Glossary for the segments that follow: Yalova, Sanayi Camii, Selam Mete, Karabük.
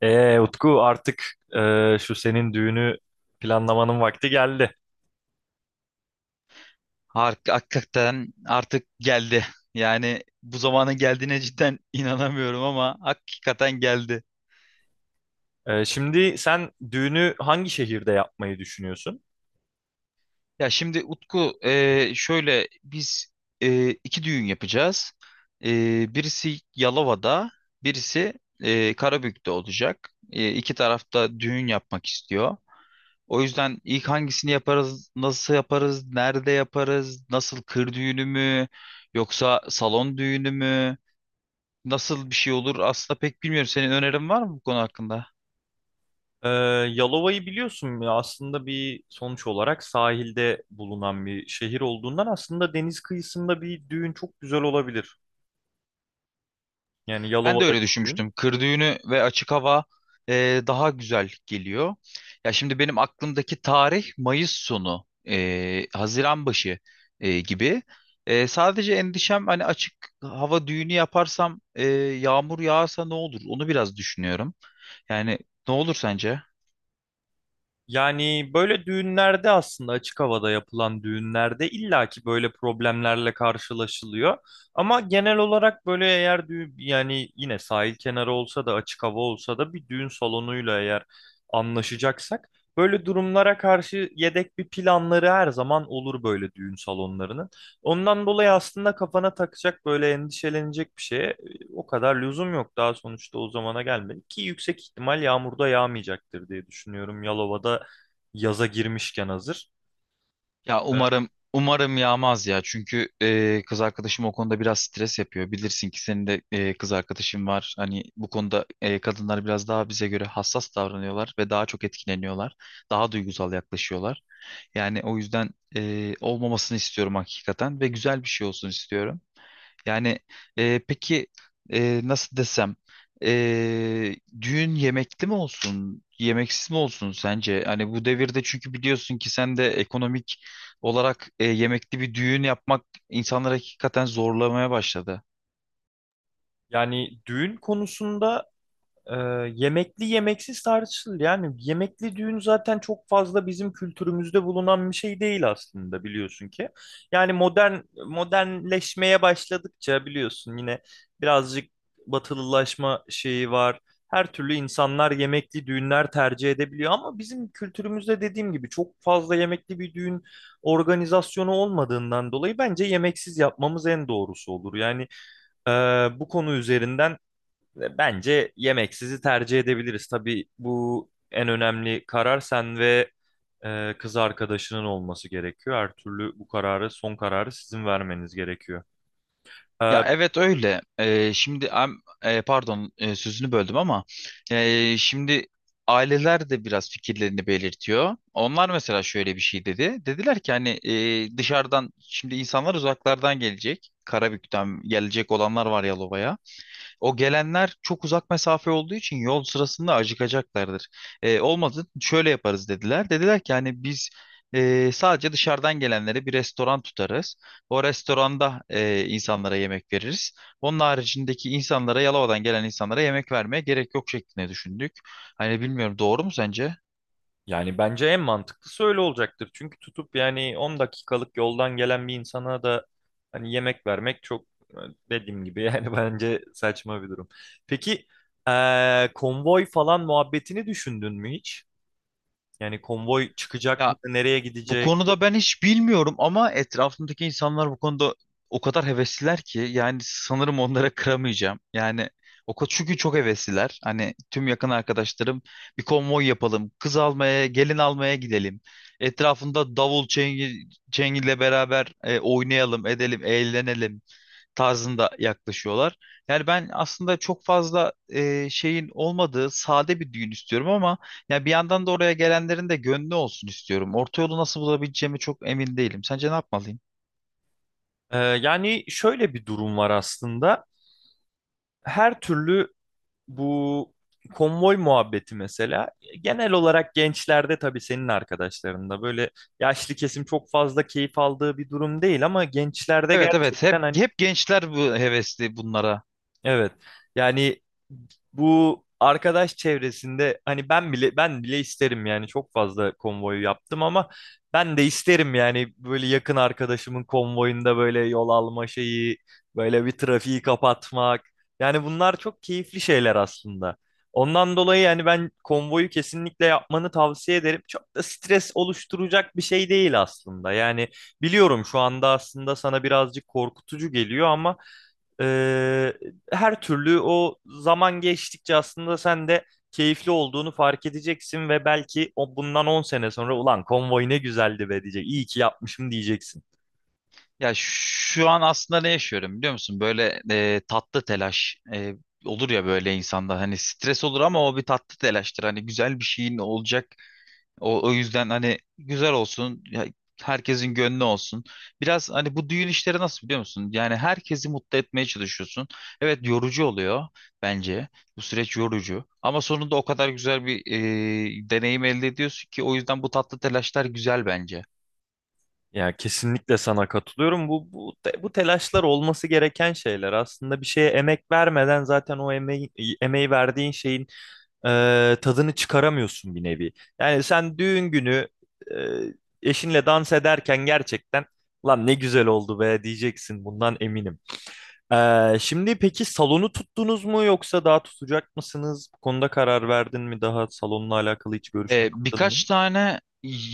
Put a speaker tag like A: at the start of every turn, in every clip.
A: Utku artık şu senin düğünü planlamanın vakti geldi.
B: Hakikaten artık geldi. Yani bu zamanın geldiğine cidden inanamıyorum ama hakikaten geldi.
A: Şimdi sen düğünü hangi şehirde yapmayı düşünüyorsun?
B: Ya şimdi Utku şöyle biz iki düğün yapacağız. Birisi Yalova'da, birisi Karabük'te olacak. İki tarafta düğün yapmak istiyor. O yüzden ilk hangisini yaparız, nasıl yaparız, nerede yaparız, nasıl kır düğünü mü, yoksa salon düğünü mü? Nasıl bir şey olur aslında pek bilmiyorum. Senin önerin var mı bu konu hakkında?
A: E, Yalova'yı biliyorsun ya aslında bir sonuç olarak sahilde bulunan bir şehir olduğundan aslında deniz kıyısında bir düğün çok güzel olabilir. Yani
B: Ben de
A: Yalova'daki
B: öyle
A: düğün.
B: düşünmüştüm. Kır düğünü ve açık hava daha güzel geliyor. Ya şimdi benim aklımdaki tarih Mayıs sonu, Haziran başı gibi. Sadece endişem hani açık hava düğünü yaparsam yağmur yağarsa ne olur? Onu biraz düşünüyorum. Yani ne olur sence?
A: Yani böyle düğünlerde aslında açık havada yapılan düğünlerde illaki böyle problemlerle karşılaşılıyor. Ama genel olarak böyle eğer düğün yani yine sahil kenarı olsa da açık hava olsa da bir düğün salonuyla eğer anlaşacaksak böyle durumlara karşı yedek bir planları her zaman olur böyle düğün salonlarının. Ondan dolayı aslında kafana takacak böyle endişelenecek bir şey o kadar lüzum yok daha sonuçta o zamana gelmedik ki yüksek ihtimal yağmurda yağmayacaktır diye düşünüyorum. Yalova'da yaza girmişken hazır.
B: Ya
A: Evet.
B: umarım umarım yağmaz ya. Çünkü kız arkadaşım o konuda biraz stres yapıyor. Bilirsin ki senin de kız arkadaşın var. Hani bu konuda kadınlar biraz daha bize göre hassas davranıyorlar ve daha çok etkileniyorlar. Daha duygusal yaklaşıyorlar. Yani o yüzden olmamasını istiyorum hakikaten ve güzel bir şey olsun istiyorum. Yani peki nasıl desem düğün yemekli mi olsun yemeksiz mi olsun sence? Hani bu devirde çünkü biliyorsun ki sen de ekonomik olarak yemekli bir düğün yapmak insanları hakikaten zorlamaya başladı.
A: Yani düğün konusunda Ee, yemekli yemeksiz tartışılır. Yani yemekli düğün zaten çok fazla bizim kültürümüzde bulunan bir şey değil aslında biliyorsun ki. Yani modernleşmeye başladıkça biliyorsun yine birazcık batılılaşma şeyi var. Her türlü insanlar yemekli düğünler tercih edebiliyor ama bizim kültürümüzde dediğim gibi çok fazla yemekli bir düğün organizasyonu olmadığından dolayı bence yemeksiz yapmamız en doğrusu olur. Yani e, bu konu üzerinden bence yemeksizi tercih edebiliriz. Tabii bu en önemli karar sen ve kız arkadaşının olması gerekiyor. Her türlü bu kararı, son kararı sizin vermeniz gerekiyor.
B: Ya
A: E,
B: evet öyle. Şimdi pardon, sözünü böldüm ama şimdi aileler de biraz fikirlerini belirtiyor. Onlar mesela şöyle bir şey dedi. Dediler ki hani dışarıdan şimdi insanlar uzaklardan gelecek. Karabük'ten gelecek olanlar var Yalova'ya. O gelenler çok uzak mesafe olduğu için yol sırasında acıkacaklardır. Olmadı şöyle yaparız dediler. Dediler ki hani biz sadece dışarıdan gelenlere bir restoran tutarız. O restoranda insanlara yemek veririz. Onun haricindeki insanlara Yalova'dan gelen insanlara yemek vermeye gerek yok şeklinde düşündük. Hani bilmiyorum doğru mu sence?
A: Yani bence en mantıklısı öyle olacaktır. Çünkü tutup yani 10 dakikalık yoldan gelen bir insana da hani yemek vermek çok dediğim gibi yani bence saçma bir durum. Peki konvoy falan muhabbetini düşündün mü hiç? Yani konvoy çıkacak
B: Ya
A: mı? Nereye
B: bu
A: gidecek?
B: konuda ben hiç bilmiyorum ama etrafımdaki insanlar bu konuda o kadar hevesliler ki yani sanırım onlara kıramayacağım. Yani o kadar çünkü çok hevesliler. Hani tüm yakın arkadaşlarım bir konvoy yapalım, kız almaya, gelin almaya gidelim. Etrafında davul çengi, çengiyle beraber oynayalım, edelim, eğlenelim tarzında yaklaşıyorlar. Yani ben aslında çok fazla şeyin olmadığı sade bir düğün istiyorum ama ya bir yandan da oraya gelenlerin de gönlü olsun istiyorum. Orta yolu nasıl bulabileceğimi çok emin değilim. Sence ne yapmalıyım?
A: Yani şöyle bir durum var aslında. Her türlü bu konvoy muhabbeti mesela genel olarak gençlerde tabii senin arkadaşlarında böyle yaşlı kesim çok fazla keyif aldığı bir durum değil ama gençlerde
B: Evet, evet, hep
A: gerçekten hani
B: hep gençler bu hevesli bunlara.
A: evet. Yani bu arkadaş çevresinde hani ben bile isterim yani çok fazla konvoyu yaptım ama ben de isterim yani böyle yakın arkadaşımın konvoyunda böyle yol alma şeyi, böyle bir trafiği kapatmak. Yani bunlar çok keyifli şeyler aslında. Ondan dolayı yani ben konvoyu kesinlikle yapmanı tavsiye ederim. Çok da stres oluşturacak bir şey değil aslında. Yani biliyorum şu anda aslında sana birazcık korkutucu geliyor ama ee, her türlü o zaman geçtikçe aslında sen de keyifli olduğunu fark edeceksin ve belki o bundan 10 sene sonra ulan konvoy ne güzeldi be diyecek. İyi ki yapmışım diyeceksin.
B: Ya şu an aslında ne yaşıyorum biliyor musun? Böyle tatlı telaş, olur ya böyle insanda hani stres olur ama o bir tatlı telaştır. Hani güzel bir şeyin olacak. O yüzden hani güzel olsun, ya herkesin gönlü olsun. Biraz hani bu düğün işleri nasıl biliyor musun? Yani herkesi mutlu etmeye çalışıyorsun. Evet, yorucu oluyor bence. Bu süreç yorucu. Ama sonunda o kadar güzel bir deneyim elde ediyorsun ki o yüzden bu tatlı telaşlar güzel bence.
A: Yani kesinlikle sana katılıyorum. Bu telaşlar olması gereken şeyler. Aslında bir şeye emek vermeden zaten emeği verdiğin şeyin tadını çıkaramıyorsun bir nevi. Yani sen düğün günü eşinle dans ederken gerçekten lan ne güzel oldu be diyeceksin bundan eminim. Şimdi peki salonu tuttunuz mu yoksa daha tutacak mısınız? Bu konuda karar verdin mi? Daha salonla alakalı hiç görüşme yaptın mı?
B: Birkaç tane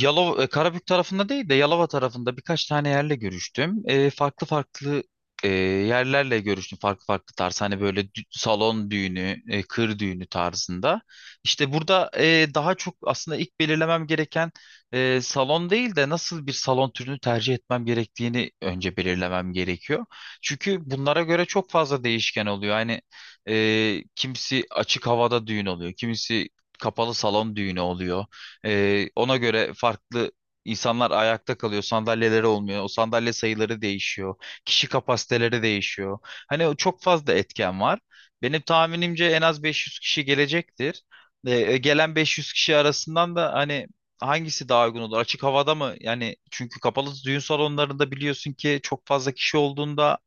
B: Yalova, Karabük tarafında değil de Yalova tarafında birkaç tane yerle görüştüm. Farklı farklı yerlerle görüştüm. Farklı farklı tarz. Hani böyle salon düğünü, kır düğünü tarzında. İşte burada daha çok aslında ilk belirlemem gereken salon değil de nasıl bir salon türünü tercih etmem gerektiğini önce belirlemem gerekiyor. Çünkü bunlara göre çok fazla değişken oluyor. Hani kimisi açık havada düğün oluyor. Kimisi kapalı salon düğünü oluyor. Ona göre farklı insanlar ayakta kalıyor. Sandalyeleri olmuyor. O sandalye sayıları değişiyor. Kişi kapasiteleri değişiyor. Hani o çok fazla etken var. Benim tahminimce en az 500 kişi gelecektir. Gelen 500 kişi arasından da hani hangisi daha uygun olur? Açık havada mı? Yani çünkü kapalı düğün salonlarında biliyorsun ki çok fazla kişi olduğunda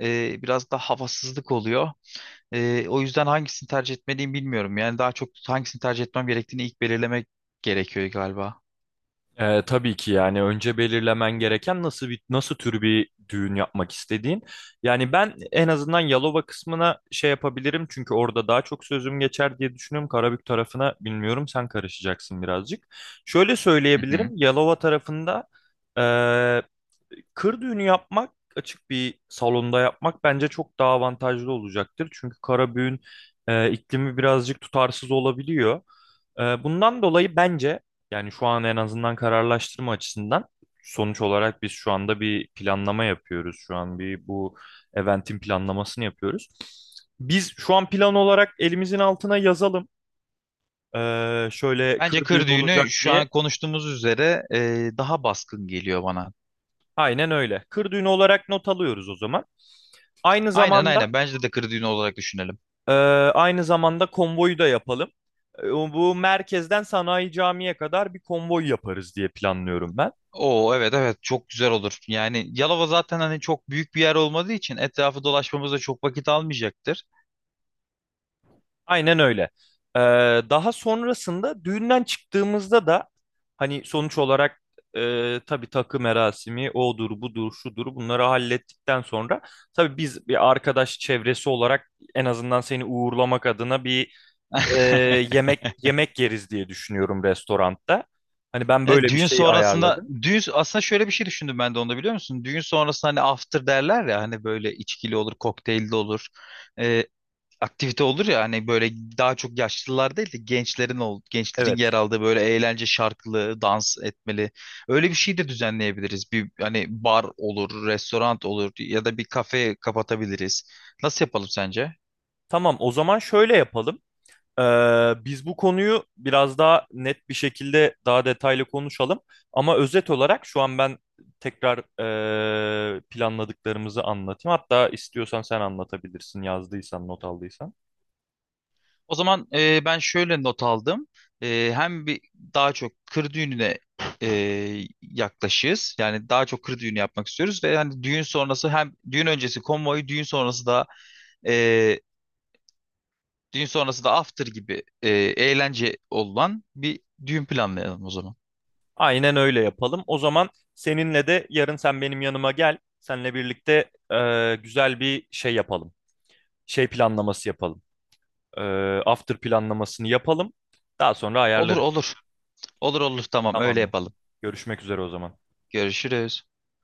B: biraz da havasızlık oluyor. O yüzden hangisini tercih etmeliyim bilmiyorum. Yani daha çok hangisini tercih etmem gerektiğini ilk belirlemek gerekiyor galiba.
A: Tabii ki yani önce belirlemen gereken nasıl tür bir düğün yapmak istediğin. Yani ben en azından Yalova kısmına şey yapabilirim çünkü orada daha çok sözüm geçer diye düşünüyorum. Karabük tarafına bilmiyorum sen karışacaksın birazcık. Şöyle
B: Hı
A: söyleyebilirim
B: hı.
A: Yalova tarafında kır düğünü yapmak açık bir salonda yapmak bence çok daha avantajlı olacaktır. Çünkü kara büğün iklimi birazcık tutarsız olabiliyor. Bundan dolayı bence yani şu an en azından kararlaştırma açısından sonuç olarak biz şu anda bir planlama yapıyoruz. Şu an bir bu eventin planlamasını yapıyoruz. Biz şu an plan olarak elimizin altına yazalım. Şöyle
B: Bence
A: kır
B: kır
A: düğünü
B: düğünü
A: olacak
B: şu
A: diye.
B: an konuştuğumuz üzere daha baskın geliyor bana.
A: Aynen öyle. Kır düğünü olarak not alıyoruz o zaman. Aynı
B: Aynen,
A: zamanda
B: aynen. Bence de kır düğünü olarak düşünelim.
A: Ee, aynı zamanda konvoyu da yapalım. Bu merkezden Sanayi Camii'ye kadar bir konvoy yaparız diye planlıyorum ben.
B: Oo, evet, evet, çok güzel olur. Yani Yalova zaten hani çok büyük bir yer olmadığı için etrafı dolaşmamız da çok vakit almayacaktır.
A: Aynen öyle. Ee, Daha sonrasında düğünden çıktığımızda da hani sonuç olarak tabii takı merasimi odur budur şudur bunları hallettikten sonra tabii biz bir arkadaş çevresi olarak en azından seni uğurlamak adına bir e, yemek yeriz diye düşünüyorum restoranda. Hani ben
B: Ya
A: böyle bir
B: düğün
A: şey
B: sonrasında
A: ayarladım.
B: düğün aslında şöyle bir şey düşündüm ben de onda biliyor musun? Düğün sonrasında hani after derler ya hani böyle içkili olur, kokteylli olur. Ee, Aktivite olur ya hani böyle daha çok yaşlılar değil de gençlerin yer
A: Evet.
B: aldığı böyle eğlence şarkılı, dans etmeli. Öyle bir şey de düzenleyebiliriz. Bir hani bar olur, restoran olur ya da bir kafe kapatabiliriz. Nasıl yapalım sence?
A: Tamam, o zaman şöyle yapalım. Biz bu konuyu biraz daha net bir şekilde daha detaylı konuşalım. Ama özet olarak şu an ben tekrar planladıklarımızı anlatayım. Hatta istiyorsan sen anlatabilirsin, yazdıysan, not aldıysan.
B: O zaman ben şöyle not aldım. Hem bir daha çok kır düğününe e, yaklaşığız. Yani daha çok kır düğünü yapmak istiyoruz ve hani düğün sonrası hem düğün öncesi konvoyu Düğün sonrası da after gibi eğlence olan bir düğün planlayalım o zaman.
A: Aynen öyle yapalım. O zaman seninle de yarın sen benim yanıma gel. Seninle birlikte güzel bir şey yapalım. Şey planlaması yapalım. Ee, After planlamasını yapalım. Daha sonra
B: Olur,
A: ayarlarız.
B: olur. Olur, olur, tamam, öyle
A: Tamamdır.
B: yapalım.
A: Görüşmek üzere o zaman.
B: Görüşürüz.